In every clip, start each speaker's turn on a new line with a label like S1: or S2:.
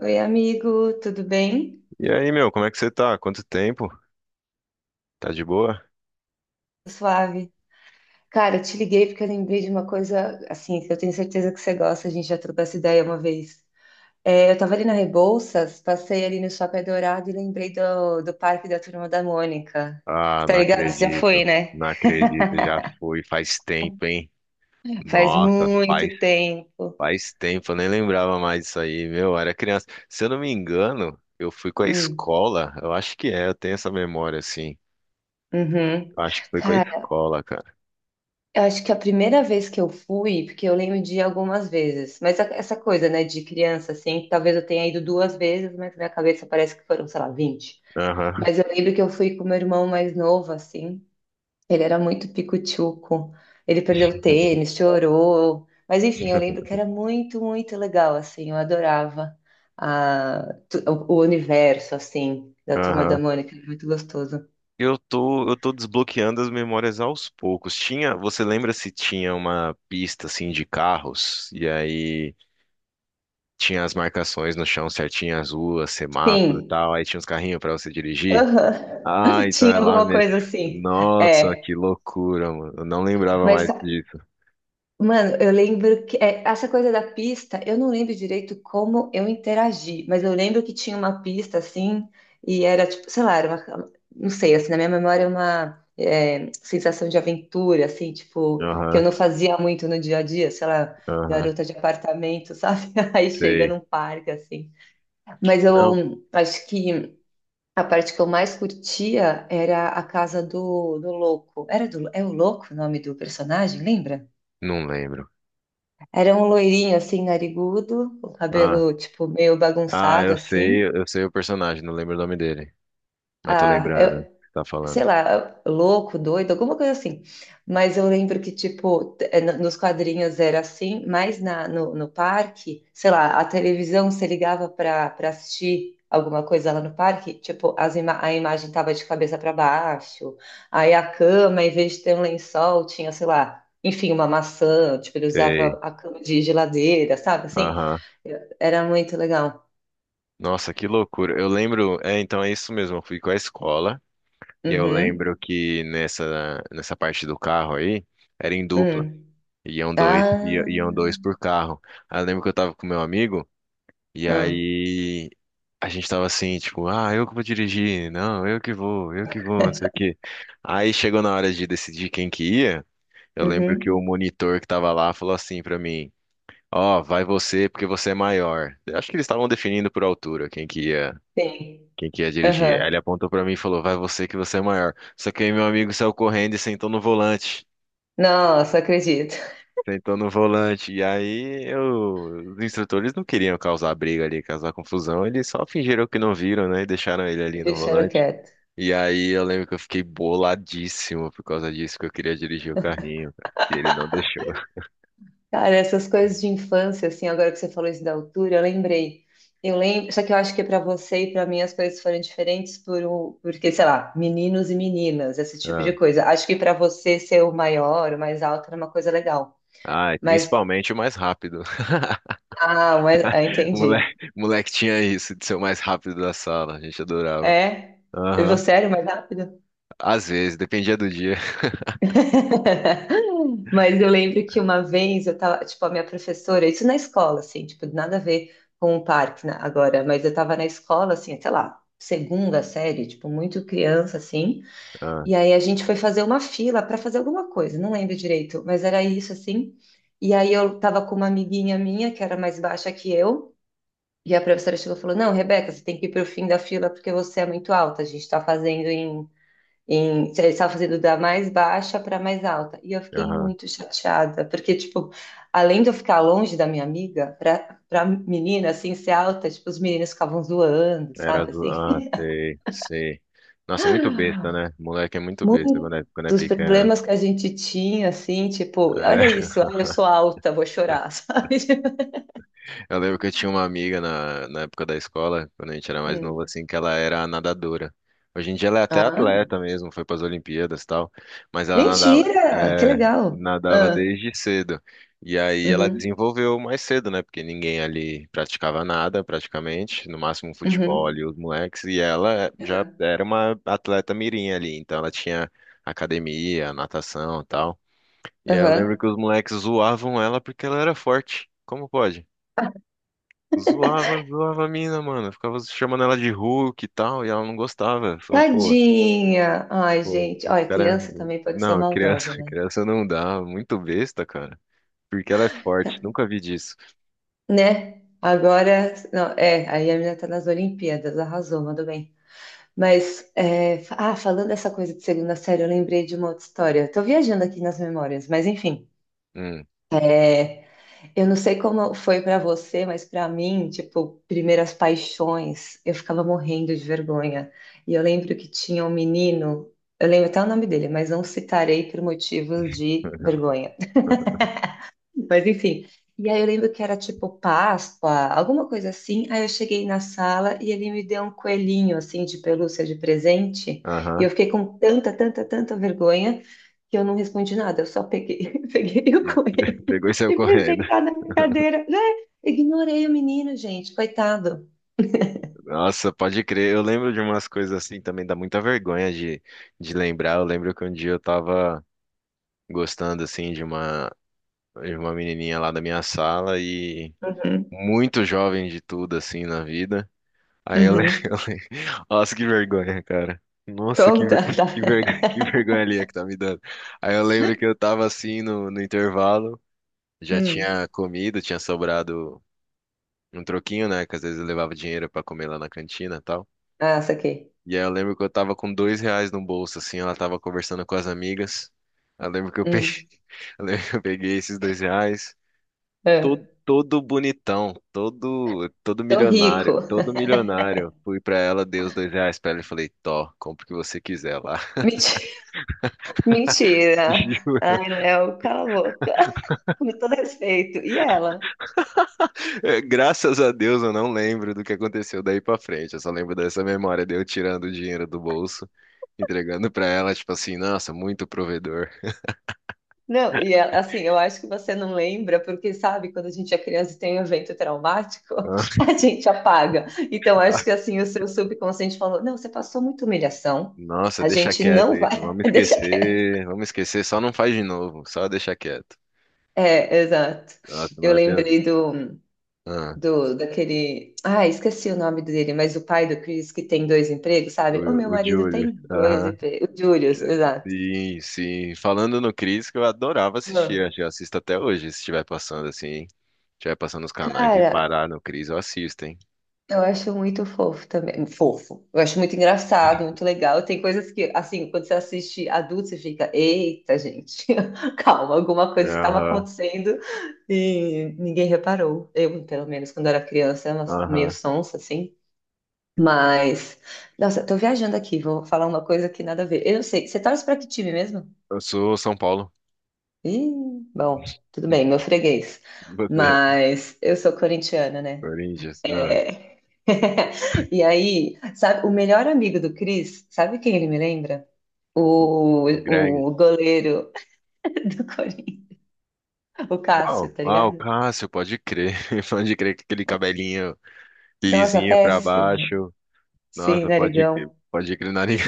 S1: Oi, amigo, tudo bem?
S2: E aí, meu, como é que você tá? Quanto tempo? Tá de boa?
S1: Suave. Cara, eu te liguei porque eu lembrei de uma coisa assim, que eu tenho certeza que você gosta, a gente já trocou essa ideia uma vez. Eu tava ali na Rebouças, passei ali no Shopping Dourado e lembrei do Parque da Turma da Mônica. Você
S2: Ah,
S1: tá
S2: não
S1: ligado? Você já foi,
S2: acredito.
S1: né?
S2: Não acredito, já foi faz tempo, hein?
S1: Faz
S2: Nossa,
S1: muito
S2: faz,
S1: tempo.
S2: Faz tempo, eu nem lembrava mais disso aí, meu, eu era criança. Se eu não me engano, eu fui com a
S1: Hum,
S2: escola, eu acho que é, eu tenho essa memória, assim.
S1: uhum.
S2: Eu acho que foi com a
S1: Cara,
S2: escola, cara.
S1: eu acho que a primeira vez que eu fui, porque eu lembro de ir algumas vezes, mas essa coisa, né, de criança, assim, que talvez eu tenha ido duas vezes, mas na minha cabeça parece que foram, sei lá, 20.
S2: Aham,
S1: Mas eu lembro que eu fui com meu irmão mais novo, assim, ele era muito pico-tchuco, ele perdeu o tênis, chorou, mas enfim, eu lembro que era muito, muito legal, assim, eu adorava o universo, assim, da Turma da
S2: aham.
S1: Mônica, era muito gostoso.
S2: Eu tô desbloqueando as memórias aos poucos. Tinha, você lembra se tinha uma pista, assim, de carros? E aí tinha as marcações no chão certinho, as ruas, semáforo e
S1: Sim,
S2: tal. Aí tinha uns carrinhos pra você dirigir.
S1: aham.
S2: Ah, então
S1: Tinha
S2: é lá
S1: alguma
S2: mesmo.
S1: coisa assim,
S2: Nossa,
S1: é.
S2: que loucura, mano. Eu não lembrava
S1: Mas,
S2: mais disso.
S1: mano, eu lembro que essa coisa da pista, eu não lembro direito como eu interagi, mas eu lembro que tinha uma pista assim, e era tipo, sei lá, era uma, não sei, assim, na minha memória, é uma sensação de aventura, assim, tipo, que
S2: Aham,
S1: eu não fazia muito no dia a dia, sei lá,
S2: aham,
S1: garota de apartamento, sabe? Aí chega
S2: sei.
S1: num parque, assim. Mas eu
S2: Não,
S1: acho que a parte que eu mais curtia era a casa do louco. É o louco o nome do personagem, lembra?
S2: não lembro.
S1: Era um loirinho, assim, narigudo, o
S2: Ah,
S1: cabelo, tipo, meio
S2: ah,
S1: bagunçado, assim.
S2: eu sei o personagem, não lembro o nome dele. Mas tô
S1: Ah,
S2: lembrando o que
S1: eu,
S2: você tá falando.
S1: sei lá, louco, doido, alguma coisa assim. Mas eu lembro que, tipo, nos quadrinhos era assim, mas na, no, no parque, sei lá, a televisão se ligava para assistir alguma coisa lá no parque, tipo, as ima a imagem tava de cabeça para baixo, aí a cama, em vez de ter um lençol, tinha, sei lá, enfim, uma maçã, tipo, ele
S2: Sei.
S1: usava a cama de geladeira, sabe? Assim,
S2: Aham.
S1: era muito legal.
S2: Nossa, que loucura. Eu lembro, é, então é isso mesmo. Eu fui com a escola e eu
S1: Uhum.
S2: lembro que nessa parte do carro aí era em dupla.
S1: Hum.
S2: Iam dois, iam
S1: Ah.
S2: dois por carro. Aí eu lembro que eu tava com meu amigo, e
S1: Hum,
S2: aí a gente tava assim, tipo, ah, eu que vou dirigir, não, eu que vou, não sei o quê. Aí chegou na hora de decidir quem que ia, eu lembro que o
S1: uhum.
S2: monitor que tava lá falou assim pra mim: ó, vai você porque você é maior. Eu acho que eles estavam definindo por altura quem que ia.
S1: Sim.
S2: Quem que ia dirigir? Aí ele
S1: Aham.
S2: apontou pra mim e falou: vai você que você é maior. Só que aí meu amigo saiu correndo e sentou no volante.
S1: Nossa, acredito.
S2: Sentou no volante. E aí os instrutores não queriam causar briga ali, causar confusão. Eles só fingiram que não viram, né? E deixaram ele ali no
S1: Deixaram
S2: volante.
S1: quieto.
S2: E aí eu lembro que eu fiquei boladíssimo por causa disso, que eu queria dirigir o carrinho, cara. E ele não deixou.
S1: Cara, essas coisas de infância, assim, agora que você falou isso da altura, eu lembrei. Eu lembro, só que eu acho que para você e para mim as coisas foram diferentes por porque, sei lá, meninos e meninas, esse tipo
S2: Ah,
S1: de coisa. Acho que para você ser o maior, o mais alto era uma coisa legal.
S2: ah, e
S1: Mas,
S2: principalmente o mais rápido.
S1: entendi.
S2: Moleque, moleque tinha isso de ser o mais rápido da sala. A gente adorava.
S1: É? E
S2: Aham.
S1: você era o mais rápido?
S2: Às vezes, dependia do dia.
S1: Mas eu lembro que uma vez eu tava, tipo, a minha professora, isso na escola, assim, tipo, nada a ver com o parque, né, agora, mas eu tava na escola, assim, sei lá, segunda série, tipo, muito criança, assim,
S2: Ah,
S1: e aí a gente foi fazer uma fila para fazer alguma coisa, não lembro direito, mas era isso, assim, e aí eu tava com uma amiguinha minha, que era mais baixa que eu, e a professora chegou e falou, não, Rebeca, você tem que ir pro fim da fila porque você é muito alta, a gente tá fazendo ele estava fazendo da mais baixa para mais alta. E eu fiquei
S2: aham.
S1: muito chateada, porque, tipo, além de eu ficar longe da minha amiga, para menina, assim, ser alta, tipo, os meninos ficavam zoando,
S2: Era
S1: sabe,
S2: azul.
S1: assim.
S2: Ah, sei, sei. Nossa, muito besta, né? Moleque é muito besta quando é
S1: Muitos
S2: pequeno.
S1: problemas que a gente tinha, assim, tipo, olha
S2: É.
S1: isso, ai, eu sou alta, vou chorar, sabe?
S2: Eu lembro que eu tinha uma amiga na, na época da escola, quando a gente era mais novo,
S1: Hum.
S2: assim, que ela era nadadora. Hoje em dia ela é até
S1: Ah,
S2: atleta mesmo, foi para as Olimpíadas e tal, mas ela nadava,
S1: mentira! Que
S2: é,
S1: legal!
S2: nadava
S1: Ah,
S2: desde cedo. E aí ela
S1: uhum,
S2: desenvolveu mais cedo, né? Porque ninguém ali praticava nada, praticamente, no máximo um futebol ali,
S1: uhum,
S2: os moleques, e ela já
S1: uhum,
S2: era uma atleta mirim ali, então ela tinha academia, natação e tal. E aí eu lembro
S1: aham.
S2: que os moleques zoavam ela porque ela era forte. Como pode? Zoava, zoava a mina, mano. Ficava chamando ela de Hulk e tal, e ela não gostava. Falei, pô,
S1: Tadinha! Ai,
S2: pô,
S1: gente,
S2: os
S1: olha,
S2: cara.
S1: criança também pode ser
S2: Não, criança,
S1: maldosa, né?
S2: criança não dá. Muito besta, cara. Porque ela é forte, nunca vi disso.
S1: Né? Agora, não, é, aí a menina tá nas Olimpíadas, arrasou, mandou bem. Falando dessa coisa de segunda série, eu lembrei de uma outra história. Eu tô viajando aqui nas memórias, mas enfim,
S2: Hum,
S1: é, eu não sei como foi pra você, mas pra mim, tipo, primeiras paixões, eu ficava morrendo de vergonha. E eu lembro que tinha um menino, eu lembro até o nome dele, mas não citarei por motivos de vergonha. Mas enfim. E aí eu lembro que era tipo Páscoa, alguma coisa assim. Aí eu cheguei na sala e ele me deu um coelhinho assim de pelúcia de presente. E
S2: aham.
S1: eu fiquei com tanta, tanta, tanta vergonha que eu não respondi nada. Eu só peguei, peguei o
S2: E
S1: coelho
S2: pegou e saiu
S1: e fui
S2: correndo.
S1: sentar na minha cadeira, né? Ignorei o menino, gente, coitado.
S2: Nossa, pode crer. Eu lembro de umas coisas assim também, dá muita vergonha de lembrar. Eu lembro que um dia eu tava gostando assim de uma menininha lá da minha sala e
S1: Uhum,
S2: muito jovem de tudo assim na vida. Aí eu lembro,
S1: uhum.
S2: eu lembro. Nossa, que vergonha, cara. Nossa,
S1: Conta,
S2: que,
S1: tá?
S2: vergonha, que vergonha ali é que tá me dando. Aí eu lembro que eu tava assim no, no intervalo, já
S1: Hum.
S2: tinha comido, tinha sobrado um troquinho, né? Que às vezes eu levava dinheiro pra comer lá na cantina e tal.
S1: Ah, saquei.
S2: E aí eu lembro que eu tava com dois reais no bolso, assim, ela tava conversando com as amigas. Eu lembro que eu peguei,
S1: Hum.
S2: eu lembro que eu peguei esses dois reais todo,
S1: É.
S2: todo bonitão, todo, todo
S1: Tô
S2: milionário,
S1: rico.
S2: todo milionário. Fui pra ela, dei os dois reais pra ela e falei: Tó, compra o que você quiser lá.
S1: Menti- Mentira.
S2: Juro.
S1: Ai, Léo, cala a boca. Com todo respeito. E ela?
S2: É, graças a Deus eu não lembro do que aconteceu daí pra frente. Eu só lembro dessa memória de eu tirando o dinheiro do bolso, entregando pra ela, tipo assim, nossa, muito provedor.
S1: Não, e ela, assim, eu acho que você não lembra, porque sabe, quando a gente é criança e tem um evento traumático, a gente apaga. Então, acho que assim, o seu subconsciente falou: não, você passou muita humilhação,
S2: Nossa,
S1: a
S2: deixa
S1: gente
S2: quieto
S1: não
S2: isso,
S1: vai. Deixa quieto.
S2: vamos esquecer, só não faz de novo, só deixa quieto.
S1: É, exato.
S2: Nossa,
S1: Eu
S2: mas eu tenho...
S1: lembrei do,
S2: Ah,
S1: do daquele. Ah, esqueci o nome dele, mas o pai do Chris que tem dois empregos, sabe? O meu
S2: o
S1: marido tem
S2: Julius,
S1: dois
S2: aham.
S1: empregos. O Julius, exato.
S2: Sim, sim. Falando no Cris, que eu adorava assistir.
S1: Ah.
S2: Acho que eu assisto até hoje, se estiver passando assim. Hein? Se estiver passando nos canais e
S1: Cara,
S2: parar no Cris, eu assisto, hein?
S1: eu acho muito fofo também. Fofo. Eu acho muito engraçado, muito legal. Tem coisas que, assim, quando você assiste adulto, você fica, eita, gente, calma, alguma coisa estava
S2: Aham,
S1: acontecendo e ninguém reparou. Eu, pelo menos, quando era criança, era meio
S2: aham.
S1: sonsa, assim. Mas, nossa, tô viajando aqui, vou falar uma coisa que nada a ver. Eu não sei, você torce pra que time mesmo?
S2: Eu sou São Paulo.
S1: Ih, bom, tudo bem, meu freguês.
S2: E você,
S1: Mas eu sou corintiana, né?
S2: Corinthians. Ah,
S1: E aí, sabe, o melhor amigo do Chris, sabe quem ele me lembra?
S2: o,
S1: O,
S2: o Greg.
S1: o goleiro do Corinthians, o
S2: Qual?
S1: Cássio, tá
S2: Ah, o
S1: ligado?
S2: Cássio, pode crer. Pode crer que aquele cabelinho
S1: Nossa,
S2: lisinho pra
S1: péssimo.
S2: baixo.
S1: Sim,
S2: Nossa,
S1: narigão.
S2: pode crer, nariz.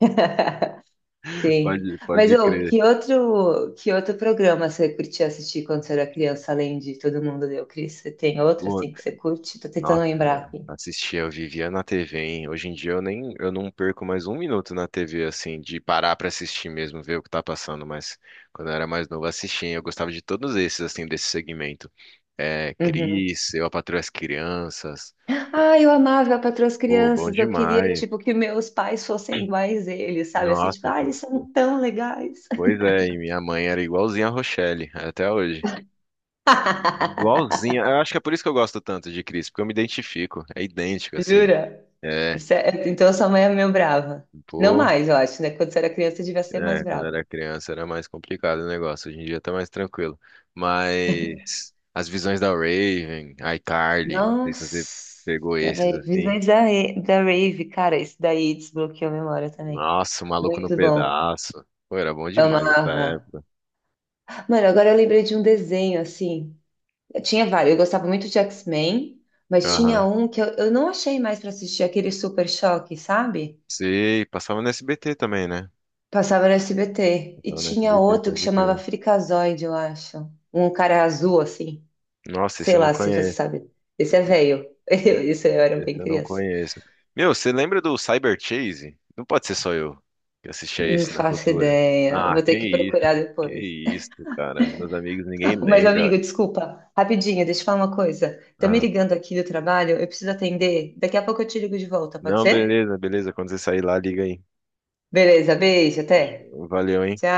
S1: Sim.
S2: Pode,
S1: Mas
S2: pode
S1: ô,
S2: crer.
S1: que outro programa você curtia assistir quando você era criança, além de Todo Mundo Deu Cris? Você tem outro assim que você curte? Tô tentando lembrar
S2: Nossa,
S1: aqui.
S2: assistia, eu vivia na TV, hein? Hoje em dia eu nem, eu não perco mais um minuto na TV, assim, de parar pra assistir mesmo, ver o que tá passando, mas quando eu era mais novo, eu assistia, hein? Eu gostava de todos esses, assim, desse segmento. É,
S1: Uhum.
S2: Cris, Eu, a Patroa e as Crianças,
S1: Ah, eu amava Patroa as
S2: pô, bom
S1: Crianças. Eu queria,
S2: demais.
S1: tipo, que meus pais fossem iguais a eles, sabe? Assim, tipo,
S2: Nossa,
S1: ah,
S2: cara.
S1: eles
S2: Pô.
S1: são tão legais.
S2: Pois é, e minha mãe era igualzinha a Rochelle, até hoje. Igualzinha, eu acho que é por isso que eu gosto tanto de Cris, porque eu me identifico, é idêntico, assim.
S1: Jura?
S2: É,
S1: Então sua mãe é meio brava. Não
S2: pô.
S1: mais, eu acho, né? Quando você era criança, você devia ser mais
S2: É, quando
S1: brava.
S2: era criança era mais complicado o negócio. Hoje em dia tá mais tranquilo. Mas As Visões da Raven, iCarly, não sei se você
S1: Nossa,
S2: pegou esses
S1: velho.
S2: assim.
S1: Da Rave, cara, isso daí desbloqueou a memória também.
S2: Nossa, O Maluco no
S1: Muito bom.
S2: Pedaço. Pô, era bom demais essa
S1: Amava.
S2: época.
S1: Mano, agora eu lembrei de um desenho, assim. Eu tinha vários. Eu gostava muito de X-Men, mas tinha
S2: Aham.
S1: um que eu não achei mais pra assistir, aquele Super Choque, sabe?
S2: Sim, passava no SBT também, né?
S1: Passava no SBT. E
S2: Passava no
S1: tinha
S2: SBT,
S1: outro que
S2: pode
S1: chamava
S2: crer.
S1: Frikazoide, eu acho. Um cara azul, assim.
S2: Nossa, esse
S1: Sei
S2: eu não
S1: lá se você
S2: conheço.
S1: sabe. Esse é velho. Isso eu era bem
S2: Esse eu não
S1: criança.
S2: conheço. Meu, você lembra do Cyber Chase? Não pode ser só eu que assisti a
S1: Não
S2: esse na
S1: faço
S2: cultura.
S1: ideia.
S2: Ah,
S1: Vou ter que procurar
S2: que
S1: depois.
S2: isso, cara. Meus amigos,
S1: Ah,
S2: ninguém
S1: mas,
S2: lembra.
S1: amigo, desculpa. Rapidinho, deixa eu falar uma coisa. Tá me
S2: Ah,
S1: ligando aqui do trabalho, eu preciso atender. Daqui a pouco eu te ligo de volta, pode
S2: não,
S1: ser?
S2: beleza, beleza. Quando você sair lá, liga aí.
S1: Beleza, beijo, até.
S2: Fechou. Valeu,
S1: Tchau.
S2: hein?